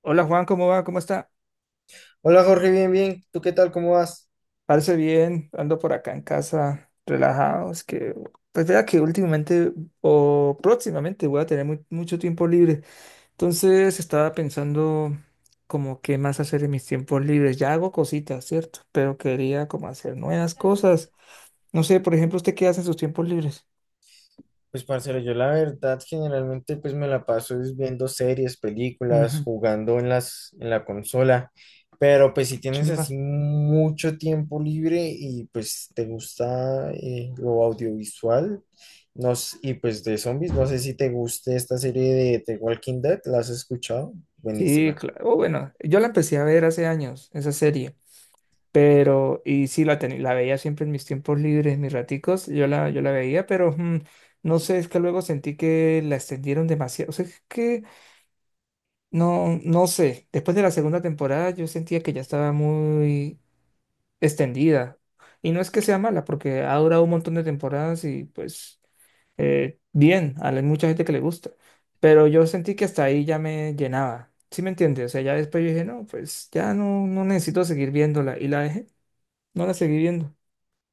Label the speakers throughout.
Speaker 1: Hola Juan, ¿cómo va? ¿Cómo está?
Speaker 2: Hola Jorge, bien, bien. ¿Tú qué tal? ¿Cómo vas?
Speaker 1: Parece bien, ando por acá en casa, relajados, que pues vea que últimamente o próximamente voy a tener mucho tiempo libre. Entonces estaba pensando como qué más hacer en mis tiempos libres. Ya hago cositas, ¿cierto? Pero quería como hacer nuevas cosas. No sé, por ejemplo, ¿usted qué hace en sus tiempos libres?
Speaker 2: Pues parcero, yo la verdad generalmente pues me la paso es viendo series, películas,
Speaker 1: Ujú.
Speaker 2: jugando en las en la consola, pero pues si tienes
Speaker 1: Chimba.
Speaker 2: así mucho tiempo libre y pues te gusta lo audiovisual, no s- y pues de zombies, no sé si te guste esta serie de The Walking Dead, ¿la has escuchado?
Speaker 1: Sí,
Speaker 2: Buenísima.
Speaker 1: claro. Oh, bueno, yo la empecé a ver hace años, esa serie. Pero, y sí, la veía siempre en mis tiempos libres, en mis raticos, yo la veía, pero no sé, es que luego sentí que la extendieron demasiado. O sea, es que no sé, después de la segunda temporada yo sentía que ya estaba muy extendida. Y no es que sea mala, porque ha durado un montón de temporadas y pues bien, hay mucha gente que le gusta. Pero yo sentí que hasta ahí ya me llenaba. ¿Sí me entiendes? O sea, ya después yo dije, no, pues ya no, no necesito seguir viéndola. Y la dejé, no la seguí viendo.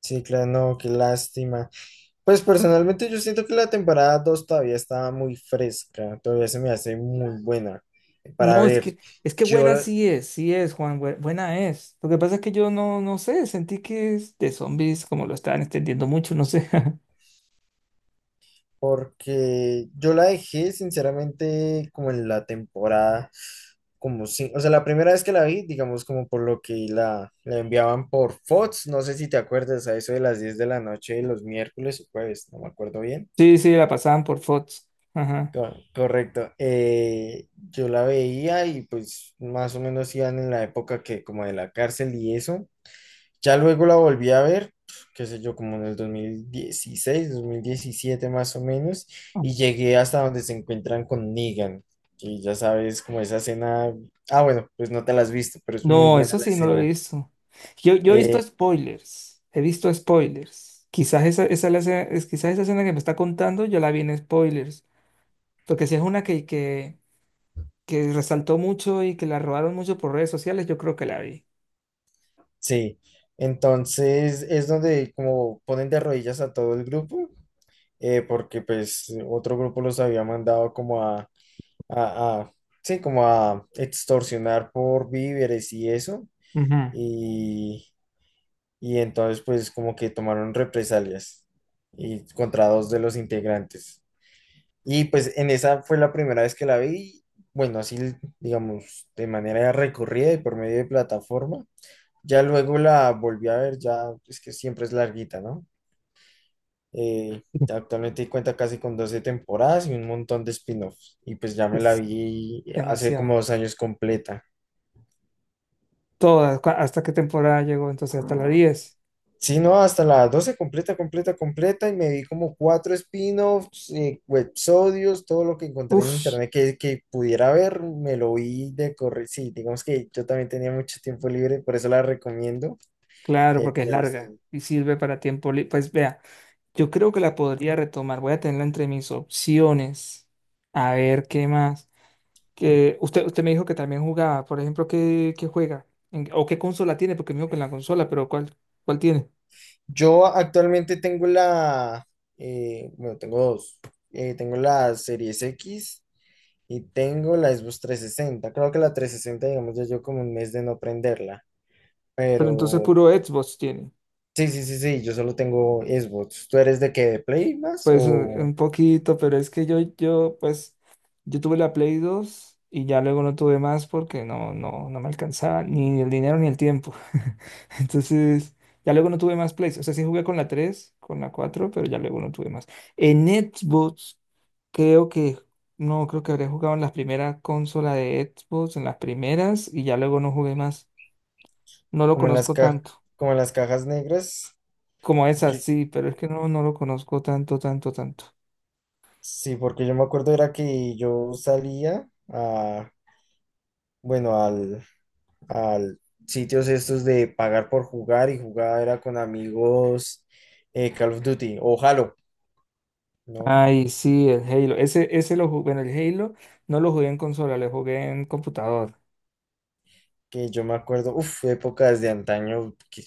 Speaker 2: Sí, claro, no, qué lástima. Pues personalmente yo siento que la temporada 2 todavía está muy fresca, todavía se me hace muy buena para
Speaker 1: No, es
Speaker 2: ver.
Speaker 1: que, es que
Speaker 2: Yo,
Speaker 1: buena
Speaker 2: la-
Speaker 1: sí es, Juan, buena es. Lo que pasa es que yo no, no sé, sentí que es de zombies, como lo estaban extendiendo mucho, no sé.
Speaker 2: porque yo la dejé sinceramente como en la temporada, como si, o sea, la primera vez que la vi, digamos como por lo que la enviaban por Fox, no sé si te acuerdas a eso de las 10 de la noche de los miércoles o jueves, no me acuerdo bien.
Speaker 1: Sí, sí, la pasaban por Fox. Ajá.
Speaker 2: Correcto. Yo la veía y pues más o menos iban en la época que como de la cárcel y eso. Ya luego la volví a ver, qué sé yo, como en el 2016, 2017 más o menos, y
Speaker 1: Ajá.
Speaker 2: llegué hasta donde se encuentran con Negan, que ya sabes, como esa escena, ah, bueno, pues no te la has visto, pero es muy
Speaker 1: No,
Speaker 2: buena
Speaker 1: eso
Speaker 2: la
Speaker 1: sí, no lo he
Speaker 2: escena.
Speaker 1: visto. Yo he visto
Speaker 2: Eh,
Speaker 1: spoilers, he visto spoilers. Quizás quizás esa escena que me está contando yo la vi en spoilers, porque si es una que resaltó mucho y que la robaron mucho por redes sociales, yo creo que la vi.
Speaker 2: sí, entonces es donde como ponen de rodillas a todo el grupo, porque pues otro grupo los había mandado como a, sí, como a extorsionar por víveres y eso.
Speaker 1: Ujú.
Speaker 2: Y, y entonces pues como que tomaron represalias y contra dos de los integrantes. Y pues en esa fue la primera vez que la vi, bueno, así digamos, de manera recorrida y por medio de plataforma. Ya luego la volví a ver, ya es que siempre es larguita, ¿no? Eh, Actualmente cuenta casi con 12 temporadas y un montón de spin-offs. Y pues ya me la
Speaker 1: Es
Speaker 2: vi hace como
Speaker 1: demasiado.
Speaker 2: 2 años completa.
Speaker 1: ¿Hasta qué temporada llegó? Entonces, hasta la diez.
Speaker 2: Sí, no, hasta la 12 completa, completa, completa, y me vi como cuatro spin-offs, websodios, todo lo que encontré en
Speaker 1: Uf,
Speaker 2: internet que pudiera ver, me lo vi de correr. Sí, digamos que yo también tenía mucho tiempo libre, por eso la recomiendo.
Speaker 1: claro, porque es
Speaker 2: Pero sí.
Speaker 1: larga y sirve para tiempo libre. Pues vea, yo creo que la podría retomar. Voy a tenerla entre mis opciones. A ver, ¿qué más? Que usted me dijo que también jugaba. Por ejemplo, qué juega? ¿O qué consola tiene? Porque me dijo que en la consola, pero ¿cuál, cuál tiene?
Speaker 2: Yo actualmente bueno, tengo dos. Tengo la Series X y tengo la Xbox 360. Creo que la 360, digamos, ya yo como un mes de no prenderla.
Speaker 1: Pero entonces
Speaker 2: Pero.
Speaker 1: puro Xbox tiene.
Speaker 2: Sí, sí, sí, sí, yo solo tengo Xbox. ¿Tú eres de qué? ¿De Play más?
Speaker 1: Pues un
Speaker 2: ¿O
Speaker 1: poquito, pero es que pues, yo tuve la Play 2 y ya luego no tuve más porque no me alcanzaba ni el dinero ni el tiempo. Entonces, ya luego no tuve más Plays. O sea, sí jugué con la 3 con la 4 pero ya luego no tuve más. En Xbox, creo que, no, creo que habría jugado en la primera consola de Xbox, en las primeras, y ya luego no jugué más. No lo
Speaker 2: como en
Speaker 1: conozco tanto.
Speaker 2: como en las cajas negras?
Speaker 1: Como esa,
Speaker 2: Yo-
Speaker 1: sí, pero es que no, no lo conozco tanto, tanto, tanto.
Speaker 2: sí, porque yo me acuerdo era que yo salía a, bueno, al sitios estos de pagar por jugar y jugar era con amigos Call of Duty o Halo, ¿no?
Speaker 1: Ay, sí, el Halo. Ese lo jugué, bueno, el Halo no lo jugué en consola, lo jugué en computador.
Speaker 2: Que yo me acuerdo, uff, épocas de antaño, que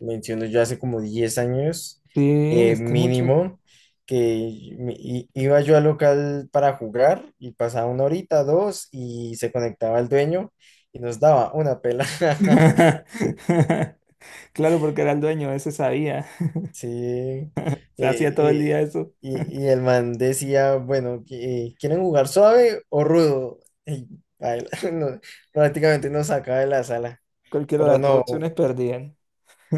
Speaker 2: menciono yo hace como 10 años
Speaker 1: Sí, es que mucho.
Speaker 2: mínimo, que iba yo al local para jugar y pasaba una horita, dos, y se conectaba el dueño y nos daba una pela.
Speaker 1: Claro, porque era el dueño, ese sabía.
Speaker 2: Sí,
Speaker 1: Se hacía todo el
Speaker 2: eh,
Speaker 1: día eso.
Speaker 2: y el man decía, bueno, que, ¿quieren jugar suave o rudo? Y a él, no, prácticamente nos sacaba de la sala,
Speaker 1: Cualquiera de
Speaker 2: pero
Speaker 1: las dos
Speaker 2: no.
Speaker 1: opciones perdían.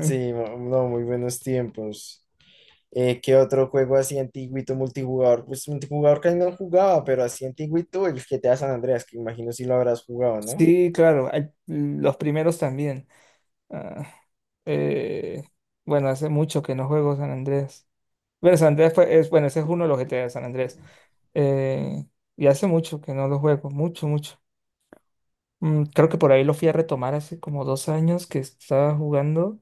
Speaker 2: Sí, no, no, muy buenos tiempos. ¿Qué otro juego así antiguito multijugador? Pues multijugador casi no jugaba, pero así antiguito el GTA San Andreas, que imagino si lo habrás jugado, ¿no?
Speaker 1: Sí, claro, hay- los primeros también. Ah, eh, bueno, hace mucho que no juego San Andrés. Pero es, bueno, ese es uno de los GTA de San Andrés. Eh, y hace mucho que no lo juego, mucho, mucho. Creo que por ahí lo fui a retomar hace como 2 años que estaba jugando,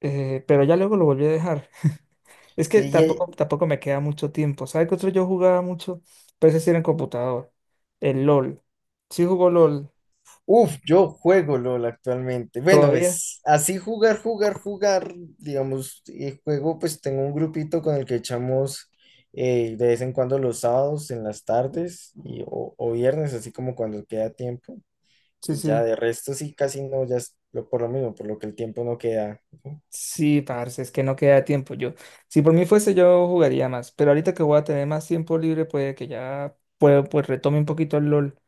Speaker 1: pero ya luego lo volví a dejar. Es que
Speaker 2: Sí,
Speaker 1: tampoco, tampoco me queda mucho tiempo. ¿Sabes qué otro yo jugaba mucho? Pero ese sí era en computador. El LOL. Sí jugó LOL.
Speaker 2: uf, yo juego LOL actualmente. Bueno,
Speaker 1: ¿Todavía?
Speaker 2: pues así jugar, jugar, jugar, digamos, juego, pues tengo un grupito con el que echamos de vez en cuando los sábados en las tardes y, o viernes, así como cuando queda tiempo.
Speaker 1: Sí,
Speaker 2: Y ya
Speaker 1: sí.
Speaker 2: de resto sí, casi no, ya es por lo mismo, por lo que el tiempo no queda. Ujú.
Speaker 1: Sí, parce, es que no queda tiempo. Yo, si por mí fuese, yo jugaría más. Pero ahorita que voy a tener más tiempo libre, puede que ya puedo, pues retome un poquito el LOL.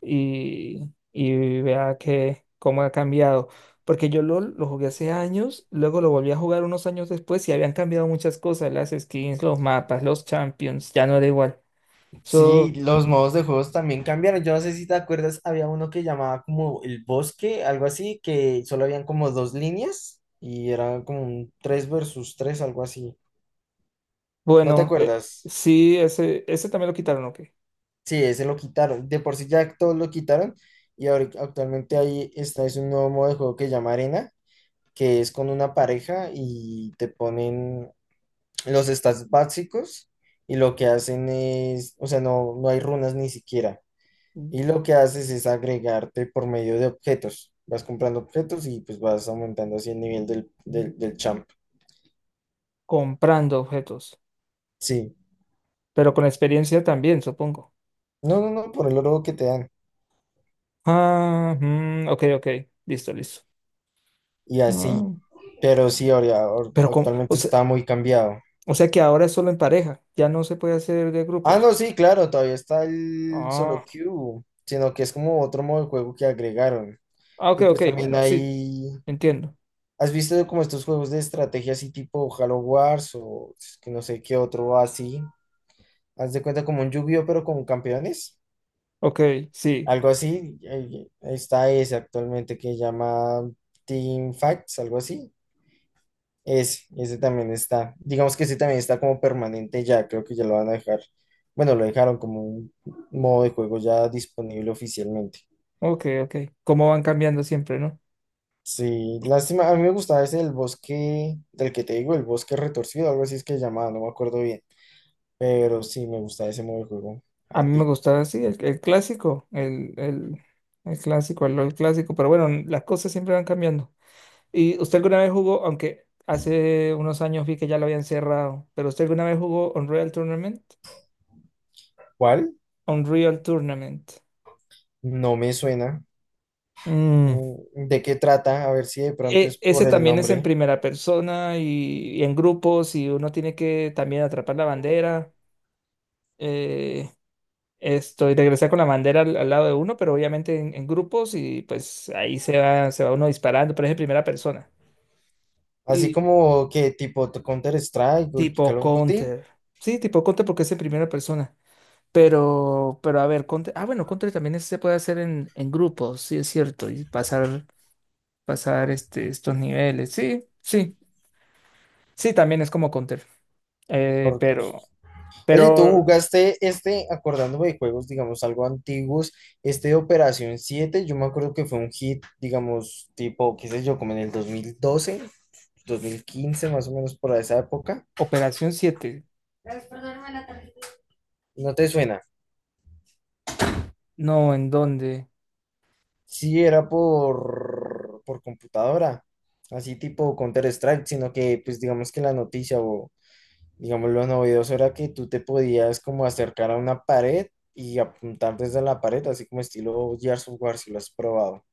Speaker 1: Y y vea que cómo ha cambiado. Porque yo LOL lo jugué hace años, luego lo volví a jugar unos años después y habían cambiado muchas cosas, las skins, los mapas, los champions, ya no era igual.
Speaker 2: Sí,
Speaker 1: So,
Speaker 2: los modos de juegos también cambiaron. Yo no sé si te acuerdas, había uno que llamaba como el bosque, algo así, que solo habían como dos líneas y era como un 3 versus 3 algo así. ¿No te
Speaker 1: bueno,
Speaker 2: acuerdas?
Speaker 1: sí, ese también lo quitaron, ok.
Speaker 2: Sí, ese lo quitaron. De por sí ya todos lo quitaron y ahora actualmente ahí está, es un nuevo modo de juego que llama Arena, que es con una pareja y te ponen los stats básicos y lo que hacen es, o sea, no, no hay runas ni siquiera.
Speaker 1: Mm,
Speaker 2: Y lo que haces es agregarte por medio de objetos. Vas comprando objetos y pues vas aumentando así el nivel del champ.
Speaker 1: comprando objetos,
Speaker 2: Sí.
Speaker 1: pero con experiencia también, supongo.
Speaker 2: No, no, no, por el oro que te dan.
Speaker 1: Ah, mm, ok, ok, listo, listo.
Speaker 2: Y así.
Speaker 1: Ah,
Speaker 2: Pero sí, ahora,
Speaker 1: pero con,
Speaker 2: actualmente está muy cambiado.
Speaker 1: o sea que ahora es solo en pareja, ya no se puede hacer de
Speaker 2: Ah,
Speaker 1: grupos.
Speaker 2: no, sí, claro, todavía está el solo
Speaker 1: Ah.
Speaker 2: queue, sino que es como otro modo de juego que agregaron.
Speaker 1: Ah, ok,
Speaker 2: Y
Speaker 1: ok,
Speaker 2: pues también
Speaker 1: bueno, sí,
Speaker 2: hay.
Speaker 1: entiendo.
Speaker 2: ¿Has visto como estos juegos de estrategia así tipo Halo Wars o es que no sé qué otro así? Haz de cuenta como un Yu-Gi-Oh pero con campeones.
Speaker 1: Ok, sí,
Speaker 2: Algo así. Está ese actualmente que llama Team Facts, algo así. Ese también está. Digamos que ese también está como permanente ya. Creo que ya lo van a dejar. Bueno, lo dejaron como un modo de juego ya disponible oficialmente.
Speaker 1: ok, ok. Cómo van cambiando siempre, ¿no?
Speaker 2: Sí, lástima. A mí me gustaba ese del bosque, del que te digo, el bosque retorcido, algo así es que llamaba, no me acuerdo bien. Pero sí, me gusta ese modo de juego.
Speaker 1: A mí me
Speaker 2: Artico.
Speaker 1: gustaba así, el clásico, el clásico, el LOL clásico, pero bueno, las cosas siempre van cambiando. ¿Y usted alguna vez jugó, aunque hace unos años vi que ya lo habían cerrado, pero usted alguna vez jugó Unreal Tournament?
Speaker 2: ¿Cuál?
Speaker 1: Unreal Tournament.
Speaker 2: No me suena.
Speaker 1: Mm,
Speaker 2: ¿De qué trata? A ver si de pronto es
Speaker 1: ese
Speaker 2: por el
Speaker 1: también es en
Speaker 2: nombre.
Speaker 1: primera persona y en grupos y uno tiene que también atrapar la bandera. eh, y regresar con la bandera al lado de uno, pero obviamente en grupos y pues ahí se va uno disparando, pero es en primera persona.
Speaker 2: Así
Speaker 1: Y
Speaker 2: como que tipo Counter-Strike o
Speaker 1: tipo
Speaker 2: Call of Duty.
Speaker 1: Counter. Sí, tipo Counter porque es en primera persona. Pero a ver, Counter. Ah, bueno, Counter también se puede hacer en grupos, sí, es cierto. Pasar estos niveles. Sí, sí. Sí, también es como Counter. Eh,
Speaker 2: Por-
Speaker 1: pero,
Speaker 2: Oye, ¿tú
Speaker 1: pero
Speaker 2: jugaste este, acordándome de juegos, digamos, algo antiguos, este de Operación siete? Yo me acuerdo que fue un hit, digamos, tipo, qué sé yo, como en el dos mil doce 2015 más o menos por esa época.
Speaker 1: Operación 7.
Speaker 2: ¿No te suena?
Speaker 1: No, ¿en dónde?
Speaker 2: Sí, era por computadora, así tipo Counter-Strike, sino que pues digamos que la noticia o digamos lo novedoso era que tú te podías como acercar a una pared y apuntar desde la pared, así como estilo Gears of War, si lo has probado.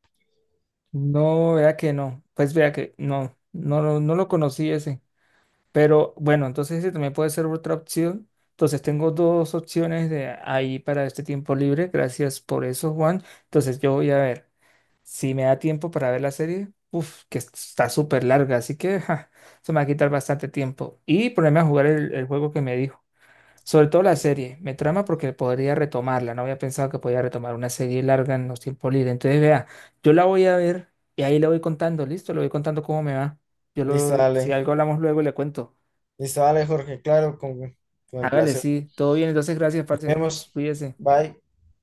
Speaker 1: No, vea que no. Pues vea que no lo conocí ese. Pero bueno, entonces ese también puede ser otra opción. Entonces tengo 2 opciones de ahí para este tiempo libre. Gracias por eso, Juan. Entonces yo voy a ver si me da tiempo para ver la serie. Uf, que está súper larga, así que ja, se me va a quitar bastante tiempo. Y ponerme a jugar el juego que me dijo. Sobre todo la serie, me trama porque podría retomarla, no había pensado que podía retomar una serie larga en los tiempos libres. Entonces, vea, yo la voy a ver y ahí le voy contando, listo, le voy contando cómo me va. Yo
Speaker 2: Listo,
Speaker 1: lo, si
Speaker 2: dale.
Speaker 1: algo hablamos luego, le cuento.
Speaker 2: Listo, dale, Jorge, claro, con el
Speaker 1: Hágale,
Speaker 2: placer.
Speaker 1: sí, todo bien, entonces gracias, parce,
Speaker 2: Vemos.
Speaker 1: cuídese.
Speaker 2: Bye.